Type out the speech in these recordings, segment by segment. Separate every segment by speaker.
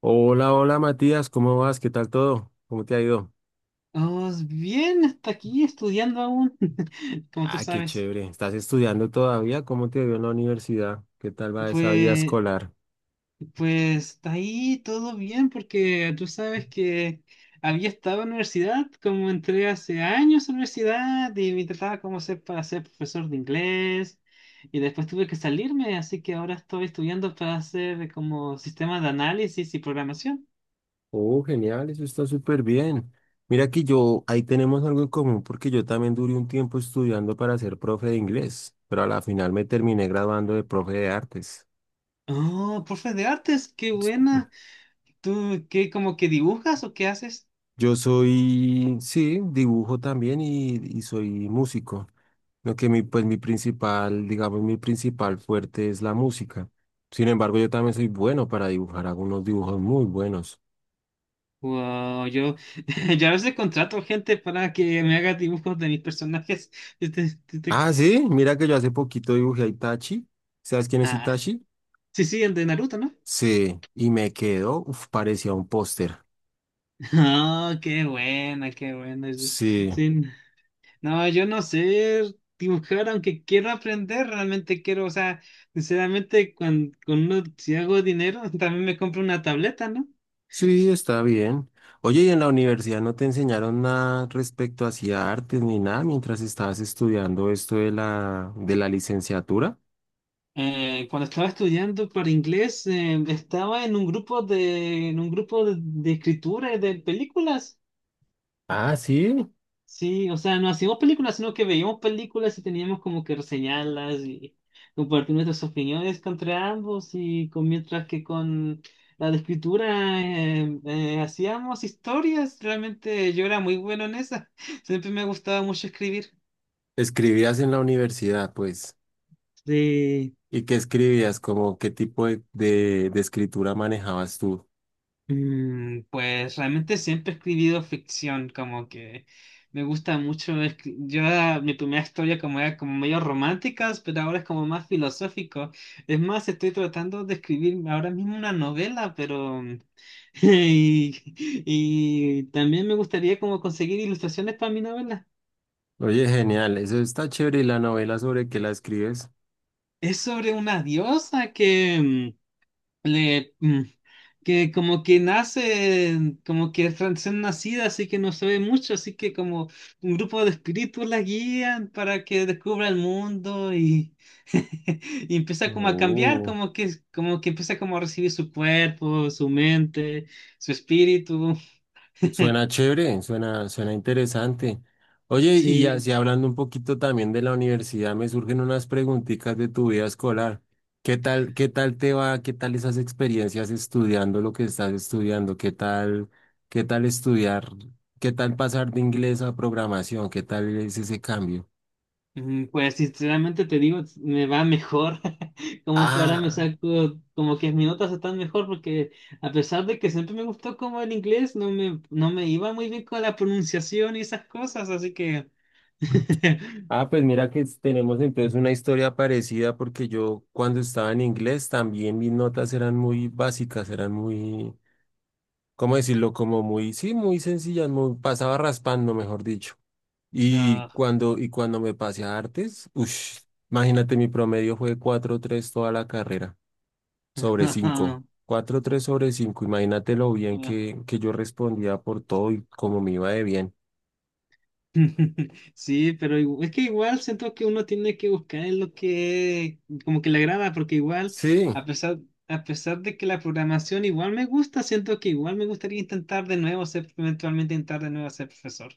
Speaker 1: Hola, hola Matías, ¿cómo vas? ¿Qué tal todo? ¿Cómo te ha ido?
Speaker 2: Oh, bien, hasta aquí estudiando aún, como tú
Speaker 1: Ah, qué
Speaker 2: sabes.
Speaker 1: chévere. ¿Estás estudiando todavía? ¿Cómo te vio en la universidad? ¿Qué tal va esa vida
Speaker 2: Pues,
Speaker 1: escolar?
Speaker 2: pues está ahí todo bien, porque tú sabes que había estado en la universidad, como entré hace años a la universidad y me trataba como ser para ser profesor de inglés, y después tuve que salirme, así que ahora estoy estudiando para hacer como sistema de análisis y programación.
Speaker 1: Oh, genial, eso está súper bien. Mira que yo, ahí tenemos algo en común porque yo también duré un tiempo estudiando para ser profe de inglés, pero a la final me terminé graduando de profe de artes.
Speaker 2: Oh, profe de artes, qué buena. ¿Tú qué como que dibujas o qué haces?
Speaker 1: Yo soy, sí, dibujo también y soy músico. Pues mi principal, digamos, mi principal fuerte es la música. Sin embargo, yo también soy bueno para dibujar, hago unos dibujos muy buenos.
Speaker 2: Wow, yo, yo a veces contrato gente para que me haga dibujos de mis personajes. Este, este, este-
Speaker 1: Ah, sí, mira que yo hace poquito dibujé a Itachi. ¿Sabes quién es
Speaker 2: ah,
Speaker 1: Itachi?
Speaker 2: sí, el de Naruto, ¿no?
Speaker 1: Sí, y me quedó, uf, parecía un póster.
Speaker 2: Ah, qué buena, qué buena. Sí,
Speaker 1: Sí,
Speaker 2: sí. No, yo no sé dibujar, aunque quiero aprender, realmente quiero, o sea, sinceramente, cuando, si hago dinero, también me compro una tableta, ¿no?
Speaker 1: sí, está bien. Oye, ¿y en la universidad no te enseñaron nada respecto hacia artes ni nada mientras estabas estudiando esto de la licenciatura?
Speaker 2: Cuando estaba estudiando para inglés, estaba en un grupo de escritura y de películas.
Speaker 1: Ah, sí,
Speaker 2: Sí, o sea, no hacíamos películas, sino que veíamos películas y teníamos como que reseñarlas y compartir nuestras opiniones contra ambos y con, mientras que con la de escritura hacíamos historias, realmente yo era muy bueno en esa, siempre me gustaba mucho escribir.
Speaker 1: escribías en la universidad, pues. ¿Y qué escribías? ¿Como qué tipo de escritura manejabas tú?
Speaker 2: Pues realmente siempre he escribido ficción, como que me gusta mucho. Mi primera historia como era como medio románticas, pero ahora es como más filosófico. Es más, estoy tratando de escribir ahora mismo una novela, Y, y también me gustaría como conseguir ilustraciones para mi novela.
Speaker 1: Oye, genial, eso está chévere. ¿Y la novela sobre qué la escribes?
Speaker 2: Es sobre una diosa que... mm, le, mm, que como que nace, como que es recién nacida, así que no se ve mucho, así que como un grupo de espíritus la guían para que descubra el mundo y, y empieza como a cambiar,
Speaker 1: Oh,
Speaker 2: como que empieza como a recibir su cuerpo, su mente, su espíritu.
Speaker 1: suena chévere, suena, suena interesante. Oye, y
Speaker 2: Sí.
Speaker 1: así hablando un poquito también de la universidad, me surgen unas preguntitas de tu vida escolar. Qué tal te va? ¿Qué tal esas experiencias estudiando lo que estás estudiando? Qué tal estudiar? ¿Qué tal pasar de inglés a programación? ¿Qué tal es ese cambio?
Speaker 2: Pues sinceramente te digo, me va mejor. Como que ahora me
Speaker 1: Ah.
Speaker 2: saco, como que mis notas están mejor porque a pesar de que siempre me gustó como el inglés, no me iba muy bien con la pronunciación y esas cosas, así que...
Speaker 1: Ah, pues mira que tenemos entonces una historia parecida porque yo cuando estaba en inglés también mis notas eran muy básicas, eran muy, ¿cómo decirlo? Como muy, sí, muy sencillas, muy, pasaba raspando, mejor dicho. Y
Speaker 2: ah,
Speaker 1: cuando, y cuando me pasé a artes, uff, imagínate, mi promedio fue cuatro tres toda la carrera, sobre cinco, cuatro tres sobre 5. Imagínate lo bien que yo respondía por todo y cómo me iba de bien.
Speaker 2: Sí, pero igu- es que igual siento que uno tiene que buscar en lo que como que le agrada, porque igual
Speaker 1: Sí.
Speaker 2: a pesar a pesar de que la programación igual me gusta, siento que igual me gustaría intentar de nuevo ser eventualmente intentar de nuevo ser profesor.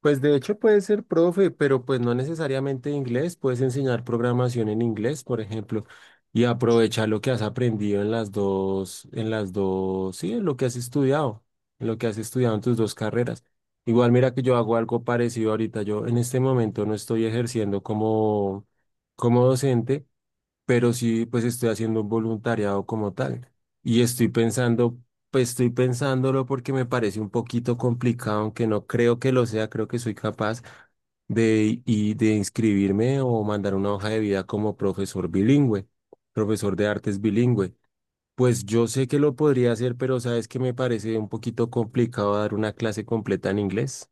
Speaker 1: Pues de hecho puede ser profe, pero pues no necesariamente de inglés, puedes enseñar programación en inglés, por ejemplo, y aprovechar lo que has aprendido en las dos, sí, en lo que has estudiado, en lo que has estudiado en tus dos carreras. Igual mira que yo hago algo parecido ahorita, yo en este momento no estoy ejerciendo como, como docente, pero sí, pues estoy haciendo un voluntariado como tal. Y estoy pensando, pues estoy pensándolo porque me parece un poquito complicado, aunque no creo que lo sea, creo que soy capaz de, y de inscribirme o mandar una hoja de vida como profesor bilingüe, profesor de artes bilingüe. Pues yo sé que lo podría hacer, pero sabes que me parece un poquito complicado dar una clase completa en inglés.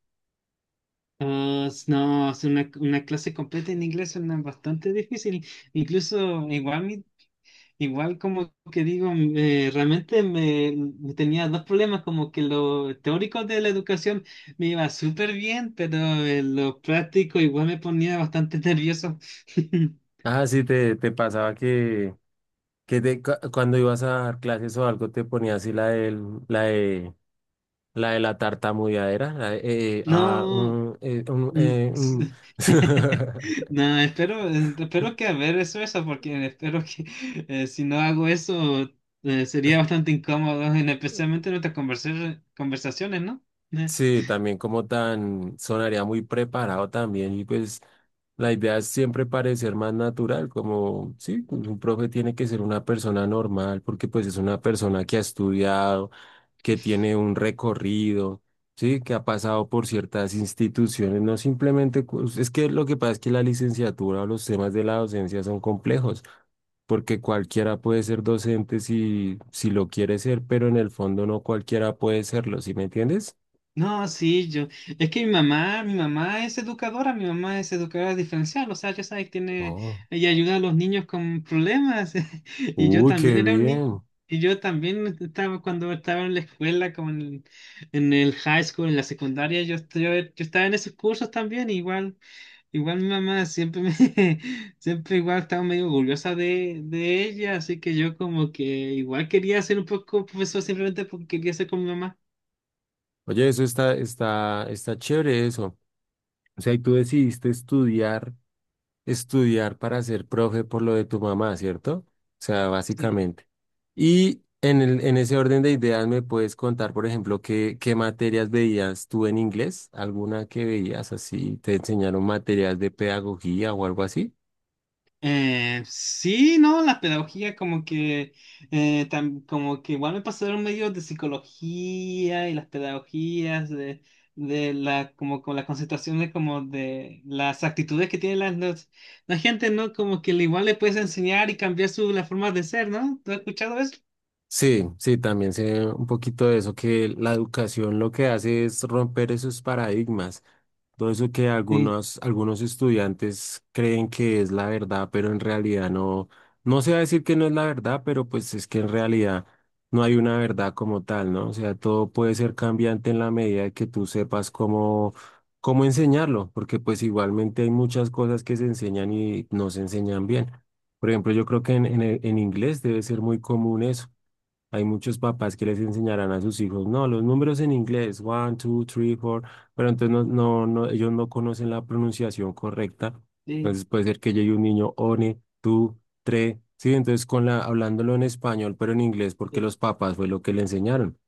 Speaker 2: Ah, s- no, hacer una clase completa en inglés suena bastante difícil. Incluso igual mi, igual como que digo, realmente me tenía dos problemas, como que lo teórico de la educación me iba súper bien, pero lo práctico igual me ponía bastante nervioso.
Speaker 1: Ah, sí, te pasaba que, cuando ibas a dar clases o algo te ponías así la de la de la tartamudeadera. La de, ah,
Speaker 2: No,
Speaker 1: mm, mm,
Speaker 2: s-
Speaker 1: mm.
Speaker 2: no, espero, espero que haber eso, eso, porque espero que si no hago eso sería bastante incómodo, en- especialmente en nuestras conversa- conversaciones, ¿no? Eh,
Speaker 1: Sí, también como tan sonaría muy preparado también y pues la idea es siempre parecer más natural, como sí, un profe tiene que ser una persona normal porque pues es una persona que ha estudiado, que tiene un recorrido, ¿sí? Que ha pasado por ciertas instituciones, no simplemente, es que lo que pasa es que la licenciatura o los temas de la docencia son complejos, porque cualquiera puede ser docente si, si lo quiere ser, pero en el fondo no cualquiera puede serlo, ¿sí me entiendes?
Speaker 2: no, sí, yo. Es que mi mamá es educadora, mi mamá es educadora diferencial, o sea, ya sabes, tiene,
Speaker 1: Oh,
Speaker 2: ella ayuda a los niños con problemas. Y yo
Speaker 1: uy,
Speaker 2: también
Speaker 1: qué
Speaker 2: era un niño.
Speaker 1: bien.
Speaker 2: Y yo también estaba cuando estaba en la escuela, como en el high school, en la secundaria, yo, yo estaba en esos cursos también, igual, igual mi mamá siempre me, siempre igual estaba medio orgullosa de ella, así que yo como que igual quería ser un poco profesor simplemente porque quería ser con mi mamá.
Speaker 1: Oye, eso está, está, está chévere eso. O sea, y tú decidiste estudiar. Estudiar para ser profe por lo de tu mamá, ¿cierto? O sea, básicamente. Y en el, en ese orden de ideas, ¿me puedes contar, por ejemplo, qué, qué materias veías tú en inglés? ¿Alguna que veías así? ¿Te enseñaron materias de pedagogía o algo así?
Speaker 2: Sí, no, la pedagogía como que tam- como que igual me pasaron medios de psicología y las pedagogías de la como con las concentraciones como de las actitudes que tiene la, las- la gente, ¿no? Como que le- igual le puedes enseñar y cambiar su la forma de ser, ¿no? ¿Tú has escuchado eso?
Speaker 1: Sí, sí, también sé un poquito de eso, que la educación lo que hace es romper esos paradigmas. Todo eso que
Speaker 2: Sí,
Speaker 1: algunos, algunos estudiantes creen que es la verdad, pero en realidad no, no se va a decir que no es la verdad, pero pues es que en realidad no hay una verdad como tal, ¿no? O sea, todo puede ser cambiante en la medida de que tú sepas cómo, cómo enseñarlo, porque pues igualmente hay muchas cosas que se enseñan y no se enseñan bien. Por ejemplo, yo creo que en inglés debe ser muy común eso. Hay muchos papás que les enseñarán a sus hijos, no, los números en inglés, one, two, three, four, pero entonces no, ellos no conocen la pronunciación correcta.
Speaker 2: sí,
Speaker 1: Entonces puede ser que llegue un niño, one, two, tres, sí, entonces con la, hablándolo en español, pero en inglés, porque
Speaker 2: sí.
Speaker 1: los papás fue lo que le enseñaron.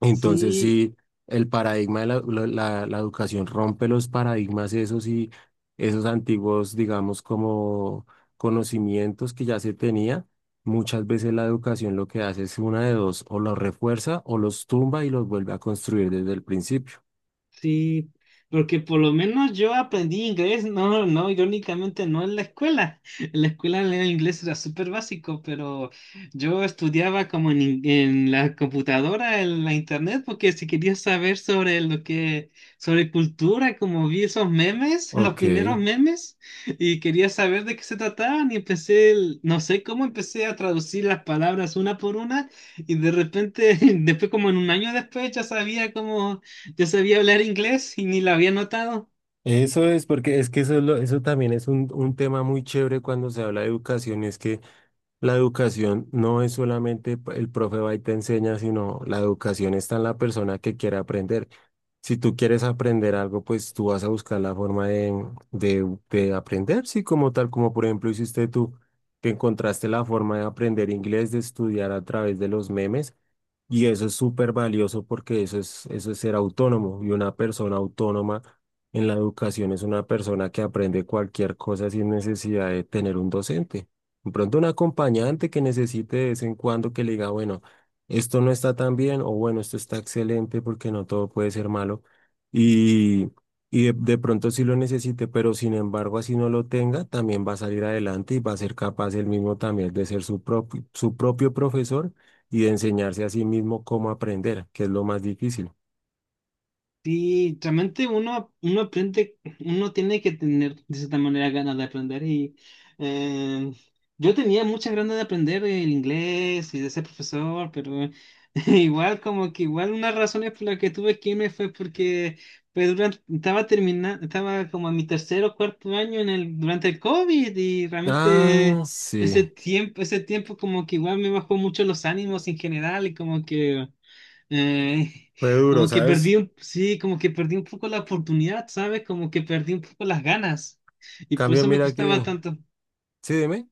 Speaker 1: Entonces,
Speaker 2: Sí,
Speaker 1: sí, el paradigma de la educación rompe los paradigmas esos y esos antiguos, digamos, como conocimientos que ya se tenía. Muchas veces la educación lo que hace es una de dos, o los refuerza o los tumba y los vuelve a construir desde el principio.
Speaker 2: sí, porque por lo menos yo aprendí inglés, irónicamente no en la escuela. En la escuela el inglés era súper básico, pero yo estudiaba como en, in- en la computadora, en la internet, porque si quería saber sobre lo que, sobre cultura, como vi esos memes, los
Speaker 1: Ok,
Speaker 2: primeros memes, y quería saber de qué se trataban, y empecé, el- no sé cómo empecé a traducir las palabras una por una, y de repente, después como en un año después, ya sabía cómo yo sabía hablar inglés y ni lo había notado.
Speaker 1: eso es porque es que eso, eso también es un tema muy chévere cuando se habla de educación, es que la educación no es solamente el profe va y te enseña, sino la educación está en la persona que quiere aprender. Si tú quieres aprender algo, pues tú vas a buscar la forma de, de aprender, sí, como tal, como por ejemplo hiciste tú, que encontraste la forma de aprender inglés, de estudiar a través de los memes. Y eso es súper valioso porque eso es ser autónomo. Y una persona autónoma en la educación es una persona que aprende cualquier cosa sin necesidad de tener un docente. De pronto un acompañante que necesite de vez en cuando que le diga, bueno, esto no está tan bien o bueno, esto está excelente porque no todo puede ser malo. Y, y de pronto sí lo necesite, pero sin embargo así no lo tenga, también va a salir adelante y va a ser capaz él mismo también de ser su propio profesor y de enseñarse a sí mismo cómo aprender, que es lo más difícil.
Speaker 2: Sí, realmente uno aprende, uno tiene que tener de cierta manera ganas de aprender y eh, yo tenía muchas ganas de aprender el inglés y de ser profesor, pero igual como que igual una razón es por la que tuve que irme fue porque pues, durante- estaba terminando, estaba como en mi tercer o cuarto año en el, durante el COVID y
Speaker 1: Ah,
Speaker 2: realmente
Speaker 1: sí,
Speaker 2: ese tiempo como que igual me bajó mucho los ánimos en general y Eh,
Speaker 1: fue duro,
Speaker 2: como que
Speaker 1: ¿sabes?
Speaker 2: perdí un, sí, como que perdí un poco la oportunidad, ¿sabes? Como que perdí un poco las ganas. Y por
Speaker 1: Cambio,
Speaker 2: eso me
Speaker 1: mira
Speaker 2: costaba
Speaker 1: que,
Speaker 2: tanto.
Speaker 1: sí, dime,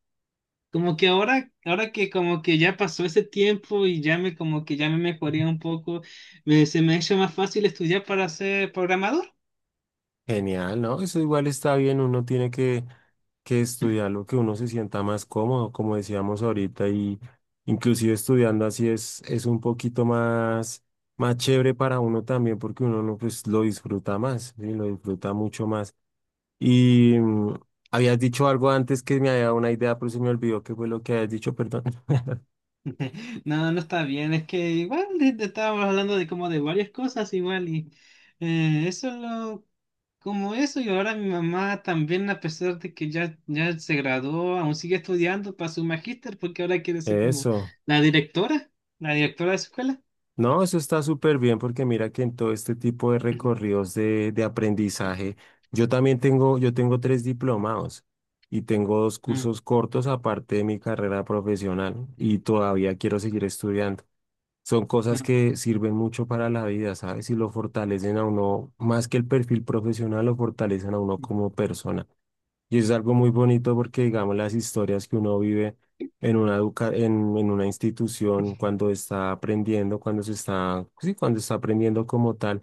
Speaker 2: Como que ahora que como que ya pasó ese tiempo y ya me como que ya me mejoré un poco, me- se me ha hecho más fácil estudiar para ser programador.
Speaker 1: genial, ¿no? Eso igual está bien, uno tiene que estudiar lo que uno se sienta más cómodo, como decíamos ahorita, y inclusive estudiando así es un poquito más, más chévere para uno también, porque uno no, pues, lo disfruta más, ¿sí? Lo disfruta mucho más. Y habías dicho algo antes que me había dado una idea, pero se me olvidó qué fue lo que habías dicho, perdón.
Speaker 2: No, no está bien, es que igual estábamos hablando de como de varias cosas igual y eso lo como eso y ahora mi mamá también a pesar de que ya, ya se graduó, aún sigue estudiando para su magíster porque ahora quiere ser como
Speaker 1: Eso.
Speaker 2: la directora, la directora de su escuela.
Speaker 1: No, eso está súper bien porque mira que en todo este tipo de
Speaker 2: Ujú.
Speaker 1: recorridos de aprendizaje, yo también tengo, yo tengo tres diplomados y tengo dos cursos cortos aparte de mi carrera profesional y todavía quiero seguir estudiando. Son cosas
Speaker 2: Ah,
Speaker 1: que sirven mucho para la vida, ¿sabes? Y lo fortalecen a uno, más que el perfil profesional, lo fortalecen a uno
Speaker 2: ah,
Speaker 1: como persona. Y es algo muy bonito porque, digamos, las historias que uno vive en una, en una institución, cuando está aprendiendo, cuando se está, sí, cuando está aprendiendo como tal,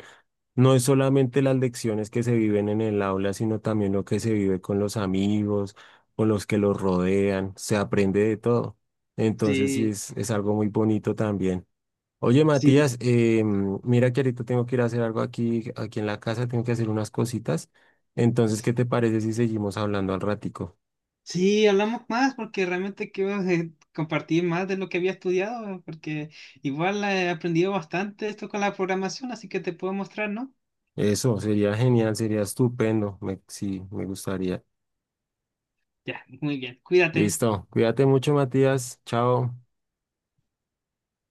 Speaker 1: no es solamente las lecciones que se viven en el aula, sino también lo que se vive con los amigos, con los que los rodean, se aprende de todo. Entonces, sí,
Speaker 2: sí,
Speaker 1: es algo muy bonito también. Oye,
Speaker 2: sí,
Speaker 1: Matías, mira que ahorita tengo que ir a hacer algo aquí, aquí en la casa, tengo que hacer unas cositas. Entonces, ¿qué te parece si seguimos hablando al ratico?
Speaker 2: sí, hablamos más porque realmente quiero compartir más de lo que había estudiado porque igual he aprendido bastante esto con la programación, así que te puedo mostrar, ¿no?
Speaker 1: Eso, sería genial, sería estupendo. Me, sí, me gustaría.
Speaker 2: Ya, muy bien. Cuídate.
Speaker 1: Listo. Cuídate mucho, Matías. Chao.